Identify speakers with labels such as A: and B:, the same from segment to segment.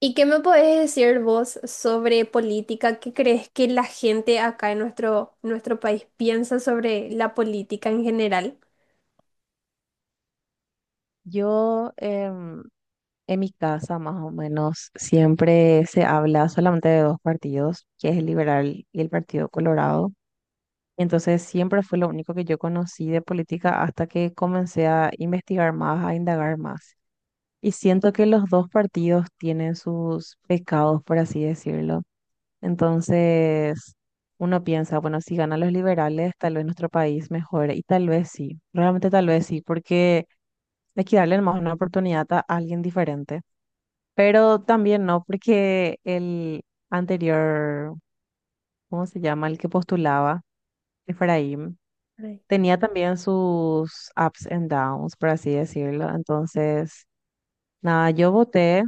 A: ¿Y qué me podés decir vos sobre política? ¿Qué crees que la gente acá en nuestro país piensa sobre la política en general?
B: Yo em, en mi casa más o menos siempre se habla solamente de dos partidos, que es el Liberal y el Partido Colorado. Entonces siempre fue lo único que yo conocí de política hasta que comencé a investigar más, a indagar más. Y siento que los dos partidos tienen sus pecados, por así decirlo. Entonces uno piensa, bueno, si ganan los liberales, tal vez nuestro país mejore. Y tal vez sí, realmente tal vez sí, porque de que darle más una oportunidad a alguien diferente. Pero también no, porque el anterior, ¿cómo se llama? El que postulaba, Efraín,
A: Ay.
B: tenía también sus ups and downs, por así decirlo. Entonces, nada, yo voté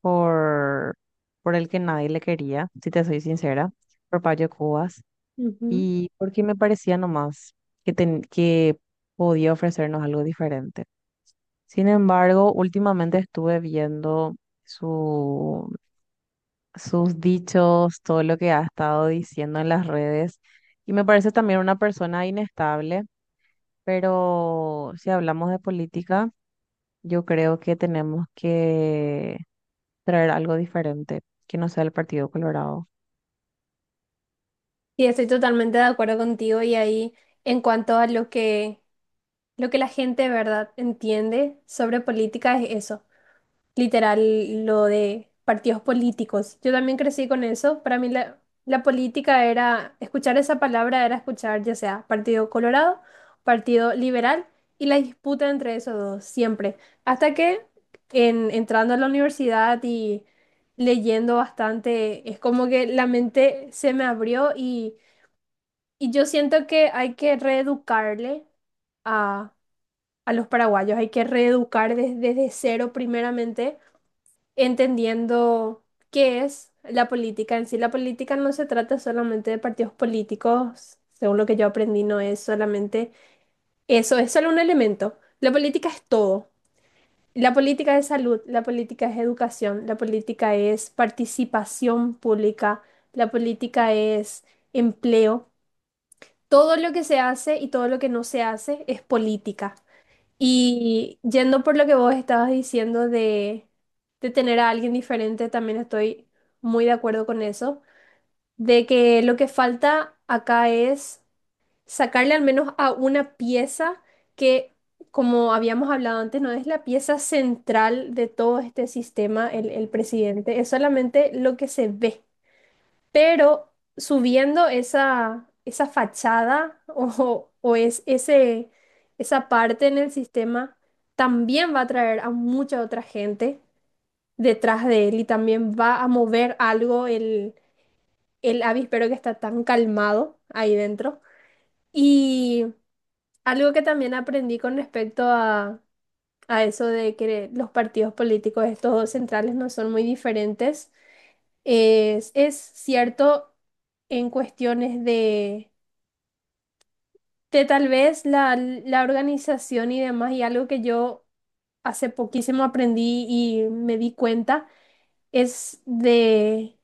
B: por, por el que nadie le quería, si te soy sincera, por Payo Cubas,
A: Ujú.
B: y porque me parecía nomás que podía ofrecernos algo diferente. Sin embargo, últimamente estuve viendo su, sus dichos, todo lo que ha estado diciendo en las redes, y me parece también una persona inestable, pero si hablamos de política, yo creo que tenemos que traer algo diferente, que no sea el Partido Colorado.
A: Sí, estoy totalmente de acuerdo contigo y ahí en cuanto a lo que la gente, ¿verdad?, entiende sobre política es eso. Literal lo de partidos políticos. Yo también crecí con eso. Para mí la política era, escuchar esa palabra era escuchar ya sea Partido Colorado, Partido Liberal y la disputa entre esos dos, siempre. Hasta que entrando a la universidad y leyendo bastante, es como que la mente se me abrió y yo siento que hay que reeducarle a, a los paraguayos, hay que reeducar desde cero primeramente entendiendo qué es la política en sí. La política no se trata solamente de partidos políticos, según lo que yo aprendí, no es solamente eso, es solo un elemento. La política es todo. La política es salud, la política es educación, la política es participación pública, la política es empleo. Todo lo que se hace y todo lo que no se hace es política. Y yendo por lo que vos estabas diciendo de tener a alguien diferente, también estoy muy de acuerdo con eso, de que lo que falta acá es sacarle al menos a una pieza que, como habíamos hablado antes, no es la pieza central de todo este sistema, el presidente, es solamente lo que se ve. Pero subiendo esa fachada o es ese, esa parte en el sistema, también va a atraer a mucha otra gente detrás de él y también va a mover algo el avispero que está tan calmado ahí dentro. Y algo que también aprendí con respecto a eso de que los partidos políticos, estos dos centrales, no son muy diferentes, es cierto en cuestiones de tal vez la organización y demás, y algo que yo hace poquísimo aprendí y me di cuenta, es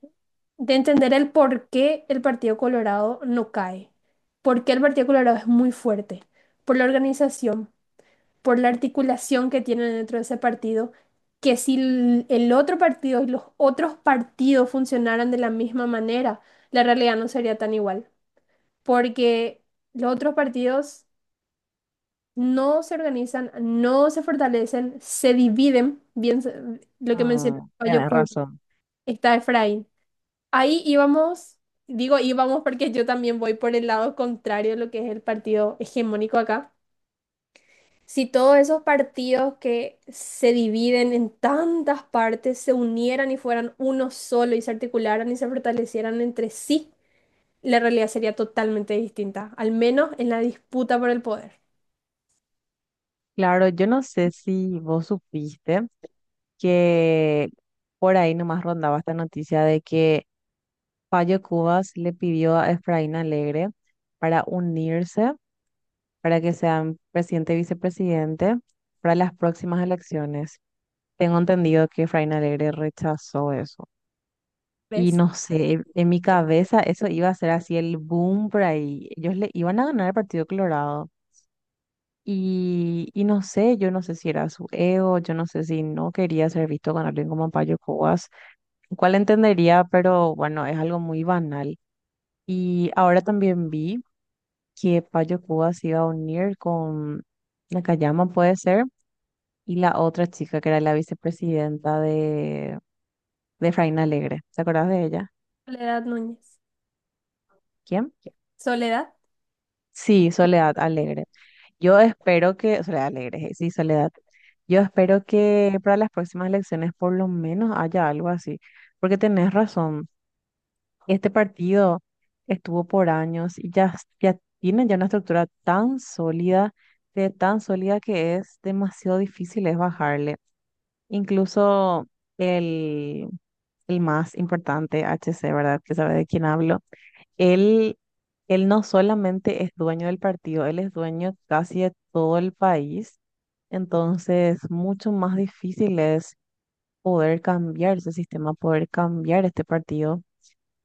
A: de entender el por qué el Partido Colorado no cae, por qué el Partido Colorado es muy fuerte, por la organización, por la articulación que tienen dentro de ese partido, que si el otro partido y los otros partidos funcionaran de la misma manera, la realidad no sería tan igual, porque los otros partidos no se organizan, no se fortalecen, se dividen, lo que mencionó
B: Mm, tenés
A: Bayokú,
B: razón.
A: está Efraín. Ahí íbamos, digo íbamos porque yo también voy por el lado contrario de lo que es el partido hegemónico acá. Si todos esos partidos que se dividen en tantas partes se unieran y fueran uno solo y se articularan y se fortalecieran entre sí, la realidad sería totalmente distinta, al menos en la disputa por el poder.
B: Claro, yo no sé si vos supiste que por ahí nomás rondaba esta noticia de que Payo Cubas le pidió a Efraín Alegre para unirse, para que sean presidente y vicepresidente para las próximas elecciones. Tengo entendido que Efraín Alegre rechazó eso. Y
A: ¿Ves?
B: no sé, en mi cabeza eso iba a ser así el boom por ahí. Ellos le iban a ganar el Partido Colorado. Y no sé, yo no sé si era su ego, yo no sé si no quería ser visto con alguien como Payo Cubas, lo cual entendería, pero bueno, es algo muy banal. Y ahora también vi que Payo Cuba se iba a unir con Nakayama, puede ser, y la otra chica que era la vicepresidenta de Efraín Alegre. ¿Te acordás de ella?
A: Soledad Núñez.
B: ¿Quién?
A: Soledad.
B: Sí, Soledad Alegre. Yo espero que, Soledad Alegre, sí, Soledad. Yo espero que para las próximas elecciones por lo menos haya algo así, porque tenés razón. Este partido estuvo por años y ya, ya tiene ya una estructura tan sólida, de tan sólida que es demasiado difícil es bajarle. Incluso el, el más importante, H C, ¿verdad? Que sabe de quién hablo. Él, él no solamente es dueño del partido, él es dueño casi de todo el país. Entonces, mucho más difícil es poder cambiar ese sistema, poder cambiar este partido,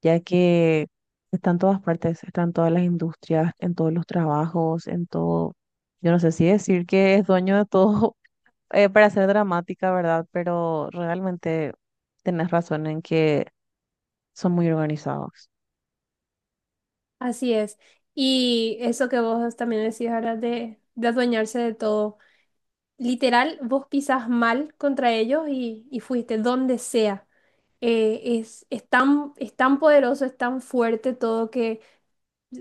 B: ya que está en todas partes, está en todas las industrias, en todos los trabajos, en todo. Yo no sé si decir que es dueño de todo para ser dramática, ¿verdad? Pero realmente tenés razón en que son muy organizados.
A: Así es. Y eso que vos también decís ahora de adueñarse de todo. Literal, vos pisas mal contra ellos y fuiste donde sea. Es, es tan poderoso, es tan fuerte todo,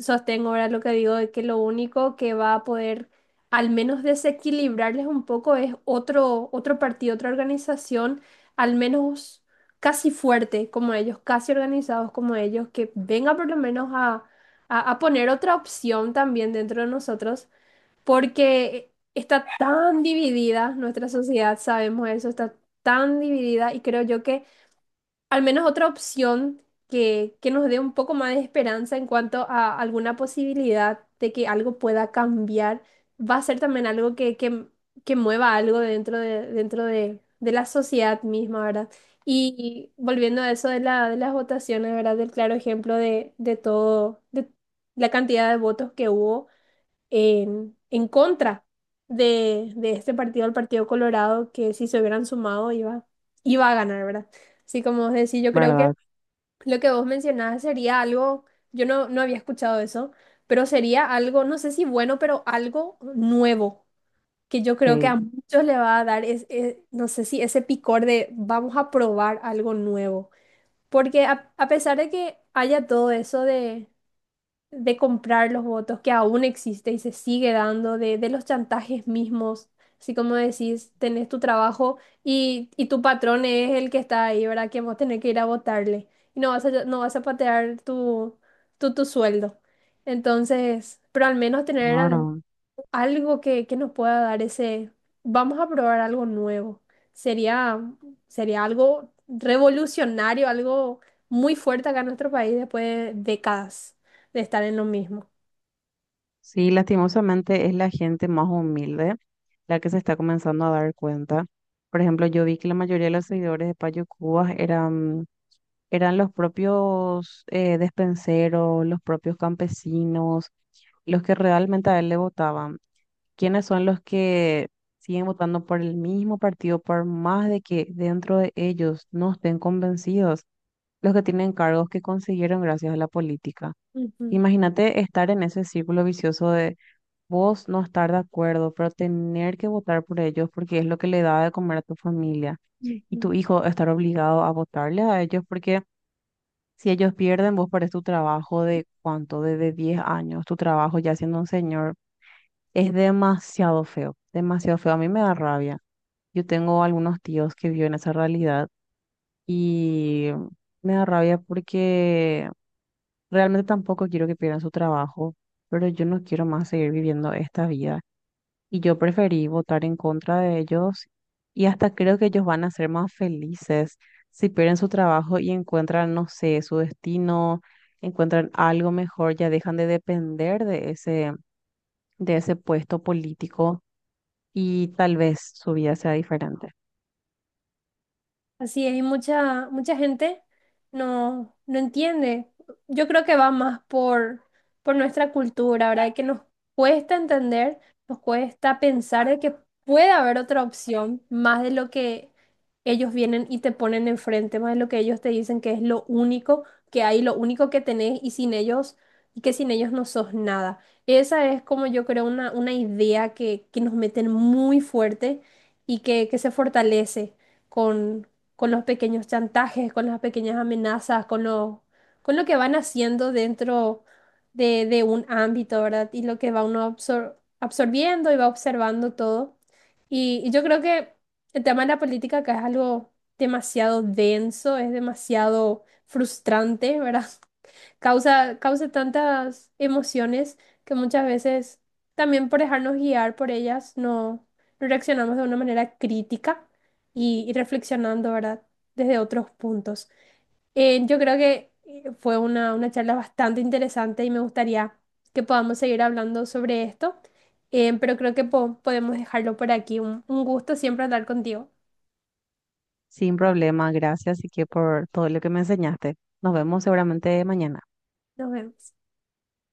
A: sostengo ahora lo que digo de que lo único que va a poder al menos desequilibrarles un poco es otro, otro partido, otra organización, al menos casi fuerte como ellos, casi organizados como ellos, que venga por lo menos a poner otra opción también dentro de nosotros, porque está tan dividida nuestra sociedad, sabemos eso, está tan dividida y creo yo que al menos otra opción que nos dé un poco más de esperanza en cuanto a alguna posibilidad de que algo pueda cambiar, va a ser también algo que mueva algo dentro de la sociedad misma, ¿verdad? Y volviendo a eso de de las votaciones, ¿verdad? Del claro ejemplo de todo, de la cantidad de votos que hubo en contra de este partido, el Partido Colorado, que si se hubieran sumado iba a ganar, ¿verdad? Así como vos decís, yo creo que
B: ¿Verdad?
A: lo que vos mencionabas sería algo, yo no, no había escuchado eso, pero sería algo, no sé si bueno, pero algo nuevo, que yo creo que a
B: Sí,
A: muchos le va a dar, no sé si ese picor de vamos a probar algo nuevo. Porque a pesar de que haya todo eso de comprar los votos que aún existe y se sigue dando, de los chantajes mismos, así como decís, tenés tu trabajo y tu patrón es el que está ahí, ¿verdad? Que vos tenés que ir a votarle y no vas no vas a patear tu sueldo. Entonces, pero al menos
B: claro.
A: algo que nos pueda dar ese, vamos a probar algo nuevo. Sería, sería algo revolucionario, algo muy fuerte acá en nuestro país después de décadas de estar en lo mismo.
B: Sí, lastimosamente es la gente más humilde la que se está comenzando a dar cuenta. Por ejemplo, yo vi que la mayoría de los seguidores de Payo Cubas eran los propios despenseros, los propios campesinos, los que realmente a él le votaban. ¿Quiénes son los que siguen votando por el mismo partido, por más de que dentro de ellos no estén convencidos los que tienen cargos que consiguieron gracias a la política?
A: Ujú,
B: Imagínate estar en ese círculo vicioso de vos no estar de acuerdo, pero tener que votar por ellos porque es lo que le da de comer a tu familia y
A: ujú.
B: tu hijo estar obligado a votarle a ellos porque si ellos pierden, vos perdés tu trabajo de cuánto, de 10 años, tu trabajo ya siendo un señor es demasiado feo, demasiado feo. A mí me da rabia. Yo tengo algunos tíos que viven esa realidad y me da rabia porque realmente tampoco quiero que pierdan su trabajo, pero yo no quiero más seguir viviendo esta vida. Y yo preferí votar en contra de ellos y hasta creo que ellos van a ser más felices si pierden su trabajo y encuentran, no sé, su destino, encuentran algo mejor, ya dejan de depender de ese puesto político y tal vez su vida sea diferente.
A: Así es, y mucha gente no, no entiende. Yo creo que va más por nuestra cultura, ¿verdad? Que nos cuesta entender, nos cuesta pensar de que puede haber otra opción más de lo que ellos vienen y te ponen enfrente, más de lo que ellos te dicen que es lo único que hay, lo único que tenés y sin ellos, y que sin ellos no sos nada. Esa es como yo creo una idea que nos meten muy fuerte y que se fortalece con con los pequeños chantajes, con las pequeñas amenazas, con lo que van haciendo dentro de un ámbito, ¿verdad? Y lo que va uno absorbiendo y va observando todo. Y yo creo que el tema de la política acá es algo demasiado denso, es demasiado frustrante, ¿verdad? causa, causa tantas emociones que muchas veces también por dejarnos guiar por ellas no, no reaccionamos de una manera crítica y reflexionando, ¿verdad? Desde otros puntos. Yo creo que fue una charla bastante interesante y me gustaría que podamos seguir hablando sobre esto, pero creo que podemos dejarlo por aquí. Un gusto siempre hablar contigo.
B: Sin problema, gracias y que por todo lo que me enseñaste. Nos vemos seguramente mañana.
A: Nos vemos.